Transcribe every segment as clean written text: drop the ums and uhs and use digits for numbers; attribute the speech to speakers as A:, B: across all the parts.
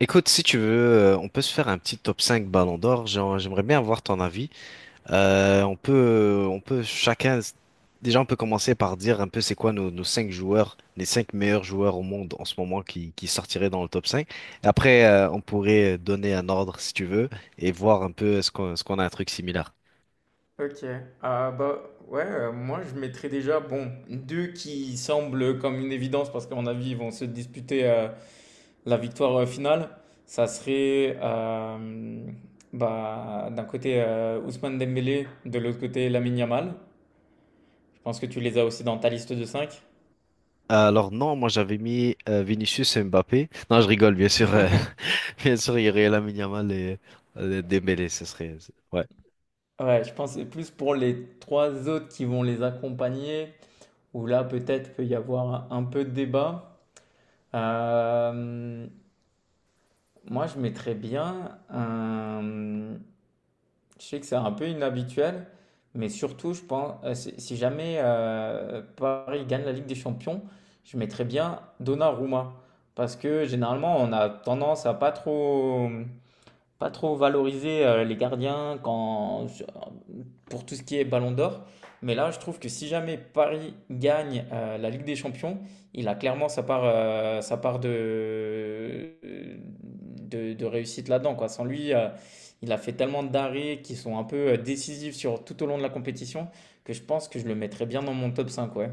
A: Écoute, si tu veux, on peut se faire un petit top 5 Ballon d'Or. J'aimerais bien avoir ton avis. On peut, on peut chacun, déjà, on peut commencer par dire un peu c'est quoi nos 5 joueurs, les 5 meilleurs joueurs au monde en ce moment qui sortiraient dans le top 5. Et après, on pourrait donner un ordre si tu veux et voir un peu est-ce qu'on a un truc similaire.
B: Ok, ah bah ouais, moi je mettrais déjà, bon, deux qui semblent comme une évidence parce qu'à mon avis ils vont se disputer la victoire finale. Ça serait d'un côté Ousmane Dembélé, de l'autre côté Lamine Yamal. Je pense que tu les as aussi dans ta liste de 5.
A: Alors non, moi j'avais mis Vinicius et Mbappé. Non, je rigole, bien sûr. Bien sûr, il y aurait Lamine Yamal et Dembélé, ce serait... Ouais.
B: Ouais, je pense que c'est plus pour les trois autres qui vont les accompagner, où là peut-être peut y avoir un peu de débat. Euh, Moi, je mettrais bien un... Je sais que c'est un peu inhabituel, mais surtout, je pense, si jamais Paris gagne la Ligue des Champions, je mettrais bien Donnarumma. Parce que généralement, on a tendance à pas trop valorisé les gardiens quand, pour tout ce qui est Ballon d'Or. Mais là, je trouve que si jamais Paris gagne la Ligue des Champions, il a clairement sa part de réussite là-dedans, quoi. Sans lui, il a fait tellement d'arrêts qui sont un peu décisifs sur, tout au long de la compétition que je pense que je le mettrais bien dans mon top 5 ouais.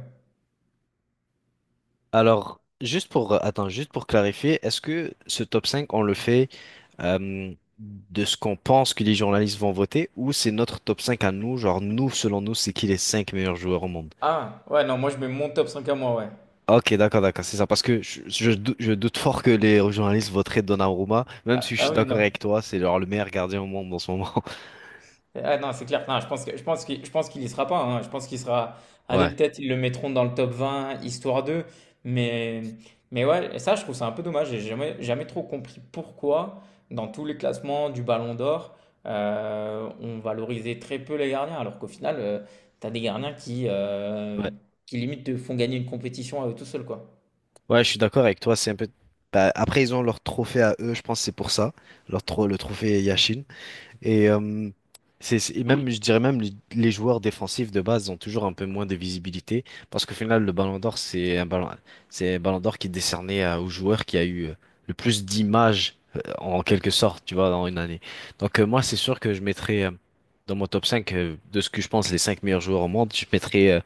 A: Alors, attends, juste pour clarifier, est-ce que ce top 5, on le fait euh, de ce qu'on pense que les journalistes vont voter ou c'est notre top 5 à nous, genre nous, selon nous, c'est qui les 5 meilleurs joueurs au monde?
B: Ah, ouais, non, moi je mets mon top 5 à moi, ouais.
A: Ok, d'accord, d'accord, c'est ça, parce que je doute fort que les journalistes voteraient Donnarumma, même
B: Ah,
A: si je suis
B: ah oui,
A: d'accord
B: non.
A: avec toi, c'est genre le meilleur gardien au monde en ce moment.
B: Ah non, c'est clair. Non, je pense qu'il y sera pas, hein. Je pense qu'il sera... Allez,
A: Ouais,
B: peut-être ils le mettront dans le top 20 histoire d'eux. Mais, mais ouais, et ça, je trouve ça un peu dommage. J'ai jamais trop compris pourquoi, dans tous les classements du Ballon d'Or, on valorisait très peu les gardiens. Alors qu'au final, t'as des gardiens
A: ouais,
B: qui limite te font gagner une compétition à eux tout seuls, quoi.
A: ouais, je suis d'accord avec toi, c'est un peu... Bah, après, ils ont leur trophée à eux, je pense que c'est pour ça, le trophée Yashin. Et, et même, je dirais même, les joueurs défensifs de base ont toujours un peu moins de visibilité parce qu'au final, le Ballon d'Or, c'est un Ballon d'Or qui est décerné au joueur qui a eu le plus d'images en quelque sorte, tu vois, dans une année. Donc, moi, c'est sûr que je mettrais dans mon top 5 de ce que je pense les 5 meilleurs joueurs au monde, je mettrais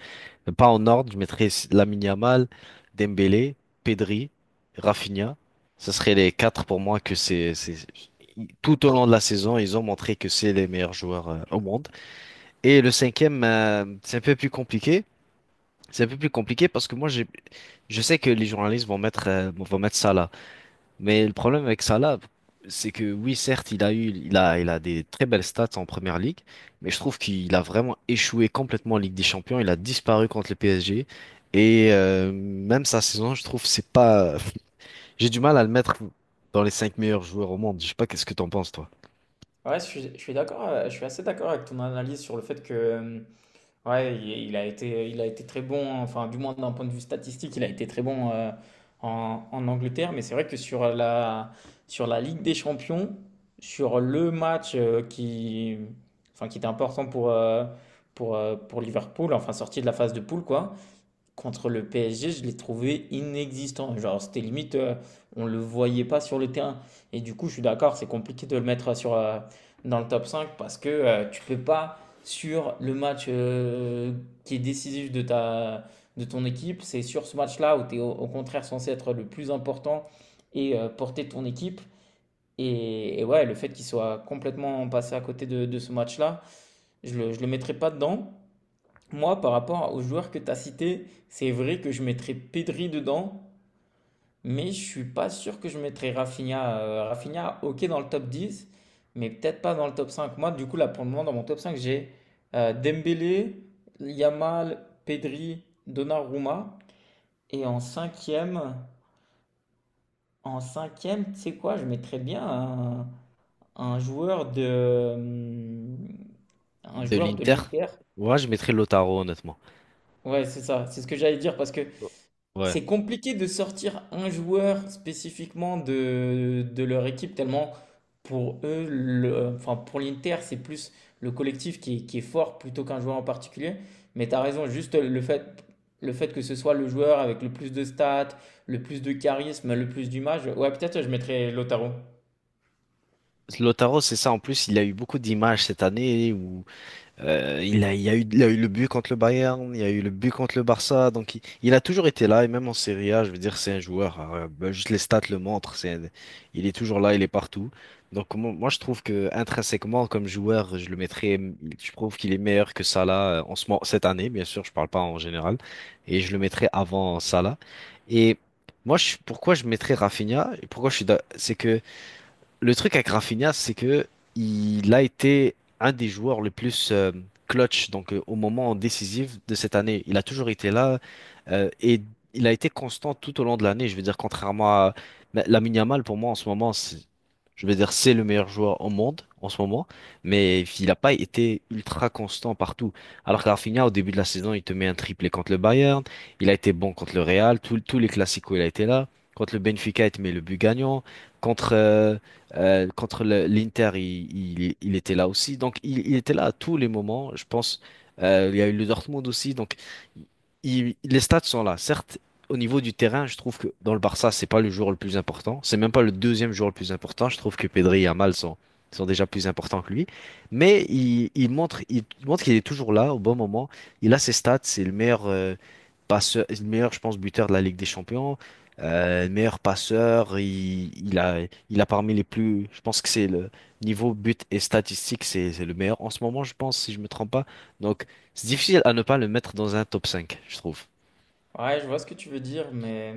A: pas en ordre, je mettrais Lamine Yamal, Dembélé, Pedri, Rafinha. Ce serait les quatre pour moi que c'est, tout au long de la saison, ils ont montré que c'est les meilleurs joueurs au monde. Et le cinquième, c'est un peu plus compliqué. C'est un peu plus compliqué parce que je sais que les journalistes vont vont mettre Salah. Mais le problème avec Salah, c'est que oui, certes, il a eu, il a des très belles stats en Première Ligue, mais je trouve qu'il a vraiment échoué complètement en Ligue des Champions. Il a disparu contre le PSG. Et même sa saison, je trouve, c'est pas. J'ai du mal à le mettre dans les cinq meilleurs joueurs au monde. Je sais pas, qu'est-ce que t'en penses, toi?
B: Ouais, je suis d'accord, je suis assez d'accord avec ton analyse sur le fait que, ouais, il a été, il a été très bon, enfin, du moins d'un point de vue statistique, il a été très bon en Angleterre. Mais c'est vrai que sur la Ligue des Champions, sur le match enfin, qui était important pour, pour Liverpool, enfin, sorti de la phase de poule, quoi, contre le PSG, je l'ai trouvé inexistant. Genre, c'était limite, on le voyait pas sur le terrain. Et du coup, je suis d'accord, c'est compliqué de le mettre sur, dans le top 5 parce que tu peux pas, sur le match qui est décisif de ta, de ton équipe, c'est sur ce match-là où tu es au, au contraire censé être le plus important et porter ton équipe. Et ouais, le fait qu'il soit complètement passé à côté de ce match-là, je le mettrai pas dedans. Moi, par rapport aux joueurs que tu as cités, c'est vrai que je mettrais Pedri dedans, mais je suis pas sûr que je mettrais Rafinha. Rafinha, ok, dans le top 10, mais peut-être pas dans le top 5. Moi, du coup, là, pour le moment, dans mon top 5, j'ai Dembélé, Yamal, Pedri, Donnarumma. Et en cinquième, tu sais quoi, je mettrais bien un joueur de, hum, un
A: De
B: joueur de
A: l'Inter?
B: l'Inter.
A: Ouais, je mettrais Lautaro, honnêtement.
B: Ouais, c'est ça, c'est ce que j'allais dire, parce que
A: Ouais.
B: c'est compliqué de sortir un joueur spécifiquement de leur équipe, tellement pour eux, le- enfin pour l'Inter, c'est plus le collectif qui est fort plutôt qu'un joueur en particulier. Mais tu as raison, le fait que ce soit le joueur avec le plus de stats, le plus de charisme, le plus d'image. Ouais, peut-être je mettrais Lautaro.
A: Lautaro, c'est ça. En plus, il a eu beaucoup d'images cette année où il a eu le but contre le Bayern, il a eu le but contre le Barça, donc il a toujours été là, et même en Serie A, je veux dire, c'est un joueur, ben, juste les stats le montrent, il est toujours là, il est partout. Donc moi, je trouve que intrinsèquement, comme joueur, je le mettrais, je trouve qu'il est meilleur que Salah en ce moment, cette année, bien sûr, je parle pas en général, et je le mettrais avant Salah. Et pourquoi je mettrais Rafinha, et pourquoi je c'est que le truc avec Rafinha, c'est que il a été un des joueurs les plus clutch, donc au moment décisif de cette année. Il a toujours été là et il a été constant tout au long de l'année. Je veux dire, contrairement à la Lamine Yamal, pour moi en ce moment, je veux dire, c'est le meilleur joueur au monde en ce moment, mais il n'a pas été ultra constant partout. Alors que Rafinha, au début de la saison, il te met un triplé contre le Bayern, il a été bon contre le Real, tous les classicos, il a été là. Contre le Benfica, il te met le but gagnant. Contre, euh, contre l'Inter, il était là aussi. Donc, il était là à tous les moments. Je pense, il y a eu le Dortmund aussi. Donc, les stats sont là. Certes, au niveau du terrain, je trouve que dans le Barça, c'est pas le joueur le plus important. C'est même pas le deuxième joueur le plus important. Je trouve que Pedri et Yamal sont déjà plus importants que lui. Mais il montre qu'il est toujours là au bon moment. Il a ses stats. C'est le meilleur. Passeur, le meilleur, je pense, buteur de la Ligue des Champions meilleur passeur, il a parmi les plus, je pense que c'est le niveau but et statistique, c'est le meilleur en ce moment, je pense, si je me trompe pas. Donc, c'est difficile à ne pas le mettre dans un top 5, je trouve.
B: Ouais, je vois ce que tu veux dire, mais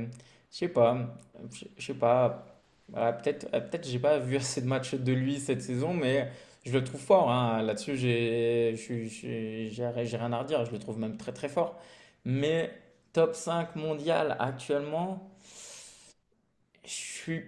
B: je sais pas, je sais pas. Voilà, peut-être j'ai pas vu assez de matchs de lui cette saison, mais je le trouve fort, hein. Là-dessus, j'ai, je suis- j'ai rien à redire. Je le trouve même très très fort. Mais top 5 mondial actuellement. Je suis,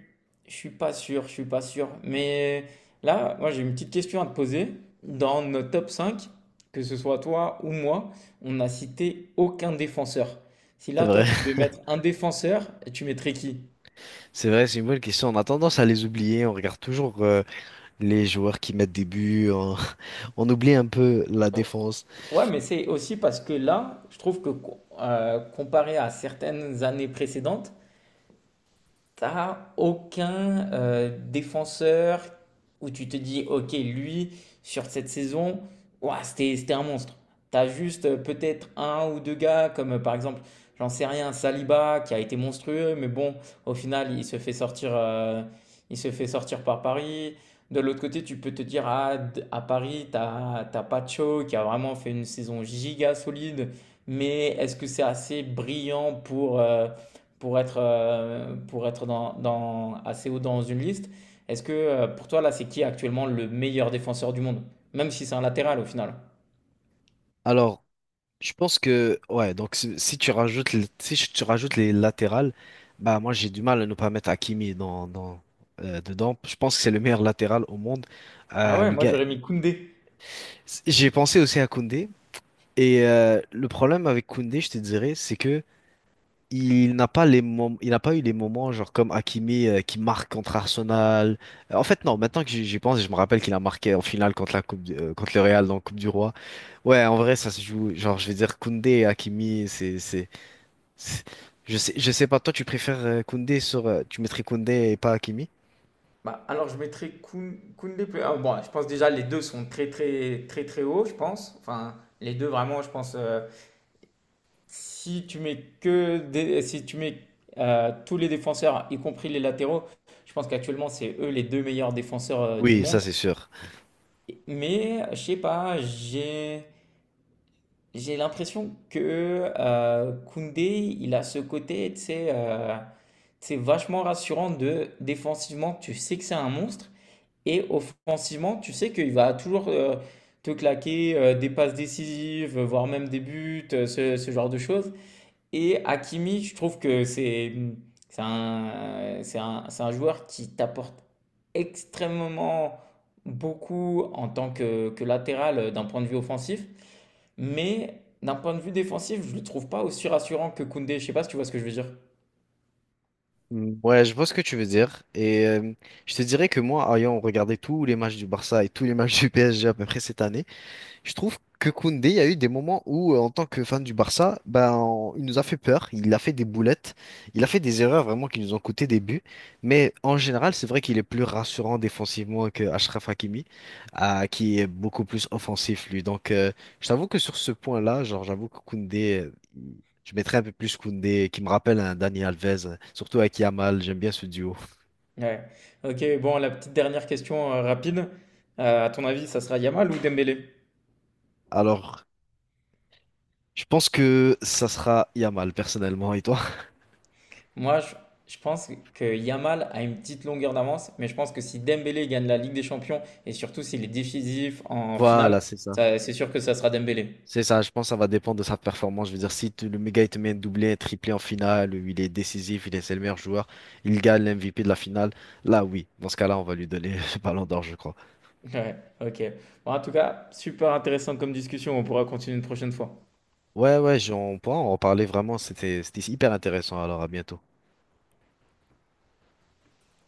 B: je suis pas sûr, je suis pas sûr. Mais là, moi j'ai une petite question à te poser. Dans notre top 5, que ce soit toi ou moi, on n'a cité aucun défenseur. Si
A: C'est
B: là, toi,
A: vrai,
B: tu devais mettre un défenseur, tu mettrais qui?
A: c'est vrai, c'est une bonne question. On a tendance à les oublier. On regarde toujours les joueurs qui mettent des buts. On, on oublie un peu la
B: Oh.
A: défense.
B: Ouais, mais c'est aussi parce que là, je trouve que comparé à certaines années précédentes, t'as aucun défenseur où tu te dis, ok, lui, sur cette saison, ouah, c'était un monstre. T'as juste peut-être un ou deux gars, comme par exemple, j'en sais rien, Saliba, qui a été monstrueux, mais bon, au final, il se fait sortir par Paris. De l'autre côté, tu peux te dire, ah, à Paris, t'as Pacho, qui a vraiment fait une saison giga solide, mais est-ce que c'est assez brillant pour être assez haut dans une liste. Est-ce que pour toi, là, c'est qui actuellement le meilleur défenseur du monde? Même si c'est un latéral au final.
A: Alors, je pense que ouais donc si tu rajoutes les- si je- tu rajoutes les latérales, bah moi j'ai du mal à ne pas mettre Hakimi dans dedans, je pense que c'est le meilleur latéral au monde.
B: Ah ouais,
A: Le
B: moi
A: gars
B: j'aurais mis Koundé.
A: j'ai pensé aussi à Koundé et le problème avec Koundé je te dirais c'est que il n'a pas eu les moments genre comme Hakimi qui marque contre Arsenal. En fait non, maintenant que j'y pense, je me rappelle qu'il a marqué en finale contre contre le Real dans la Coupe du Roi. Ouais, en vrai ça se joue, genre je vais dire Koundé et Hakimi c'est- je sais, je sais pas, toi tu préfères Koundé sur. Tu mettrais Koundé et pas Hakimi?
B: Bah, alors je mettrais Koundé plus. Ah, bon, je pense déjà les deux sont très très très très hauts, je pense. Enfin, les deux vraiment, je pense. Si tu mets que des- si tu mets tous les défenseurs, y compris les latéraux, je pense qu'actuellement c'est eux les deux meilleurs défenseurs du
A: Oui, ça
B: monde.
A: c'est sûr.
B: Mais je sais pas, j'ai l'impression que Koundé, il a ce côté, tu sais, vachement rassurant de défensivement, tu sais que c'est un monstre, et offensivement, tu sais qu'il va toujours te claquer des passes décisives, voire même des buts, ce genre de choses. Et Hakimi, je trouve que c'est un joueur qui t'apporte extrêmement beaucoup en tant que latéral d'un point de vue offensif. Mais d'un point de vue défensif, je ne le trouve pas aussi rassurant que Koundé. Je sais pas si tu vois ce que je veux dire.
A: Ouais, je vois ce que tu veux dire. Et je te dirais que moi, ayant regardé tous les matchs du Barça et tous les matchs du PSG à peu près cette année, je trouve que Koundé, il y a eu des moments où, en tant que fan du Barça, il nous a fait peur, il a fait des boulettes, il a fait des erreurs vraiment qui nous ont coûté des buts. Mais en général, c'est vrai qu'il est plus rassurant défensivement que Achraf Hakimi, ah, qui est beaucoup plus offensif, lui. Donc, je t'avoue que sur ce point-là, genre, j'avoue que je mettrais un peu plus Koundé, qui me rappelle un Dani Alves, surtout avec Yamal, j'aime bien ce duo.
B: Ouais. Ok, bon, la petite dernière question rapide. À ton avis, ça sera Yamal ou Dembélé?
A: Alors, je pense que ça sera Yamal, personnellement, et toi?
B: Moi, je, je pense que Yamal a une petite longueur d'avance, mais je pense que si Dembélé gagne la Ligue des Champions et surtout s'il est décisif en
A: Voilà,
B: finale,
A: c'est ça.
B: c'est sûr que ça sera Dembélé.
A: C'est ça, je pense que ça va dépendre de sa performance. Je veux dire, si tu- le méga il te met un doublé, un triplé en finale, où il est décisif, c'est le meilleur joueur, il gagne l'MVP de la finale, là oui, dans ce cas-là, on va lui donner le ballon d'or, je crois.
B: Ouais, ok. Bon, en tout cas, super intéressant comme discussion. On pourra continuer une prochaine fois.
A: On pourra en reparler vraiment, c'était hyper intéressant, alors à bientôt.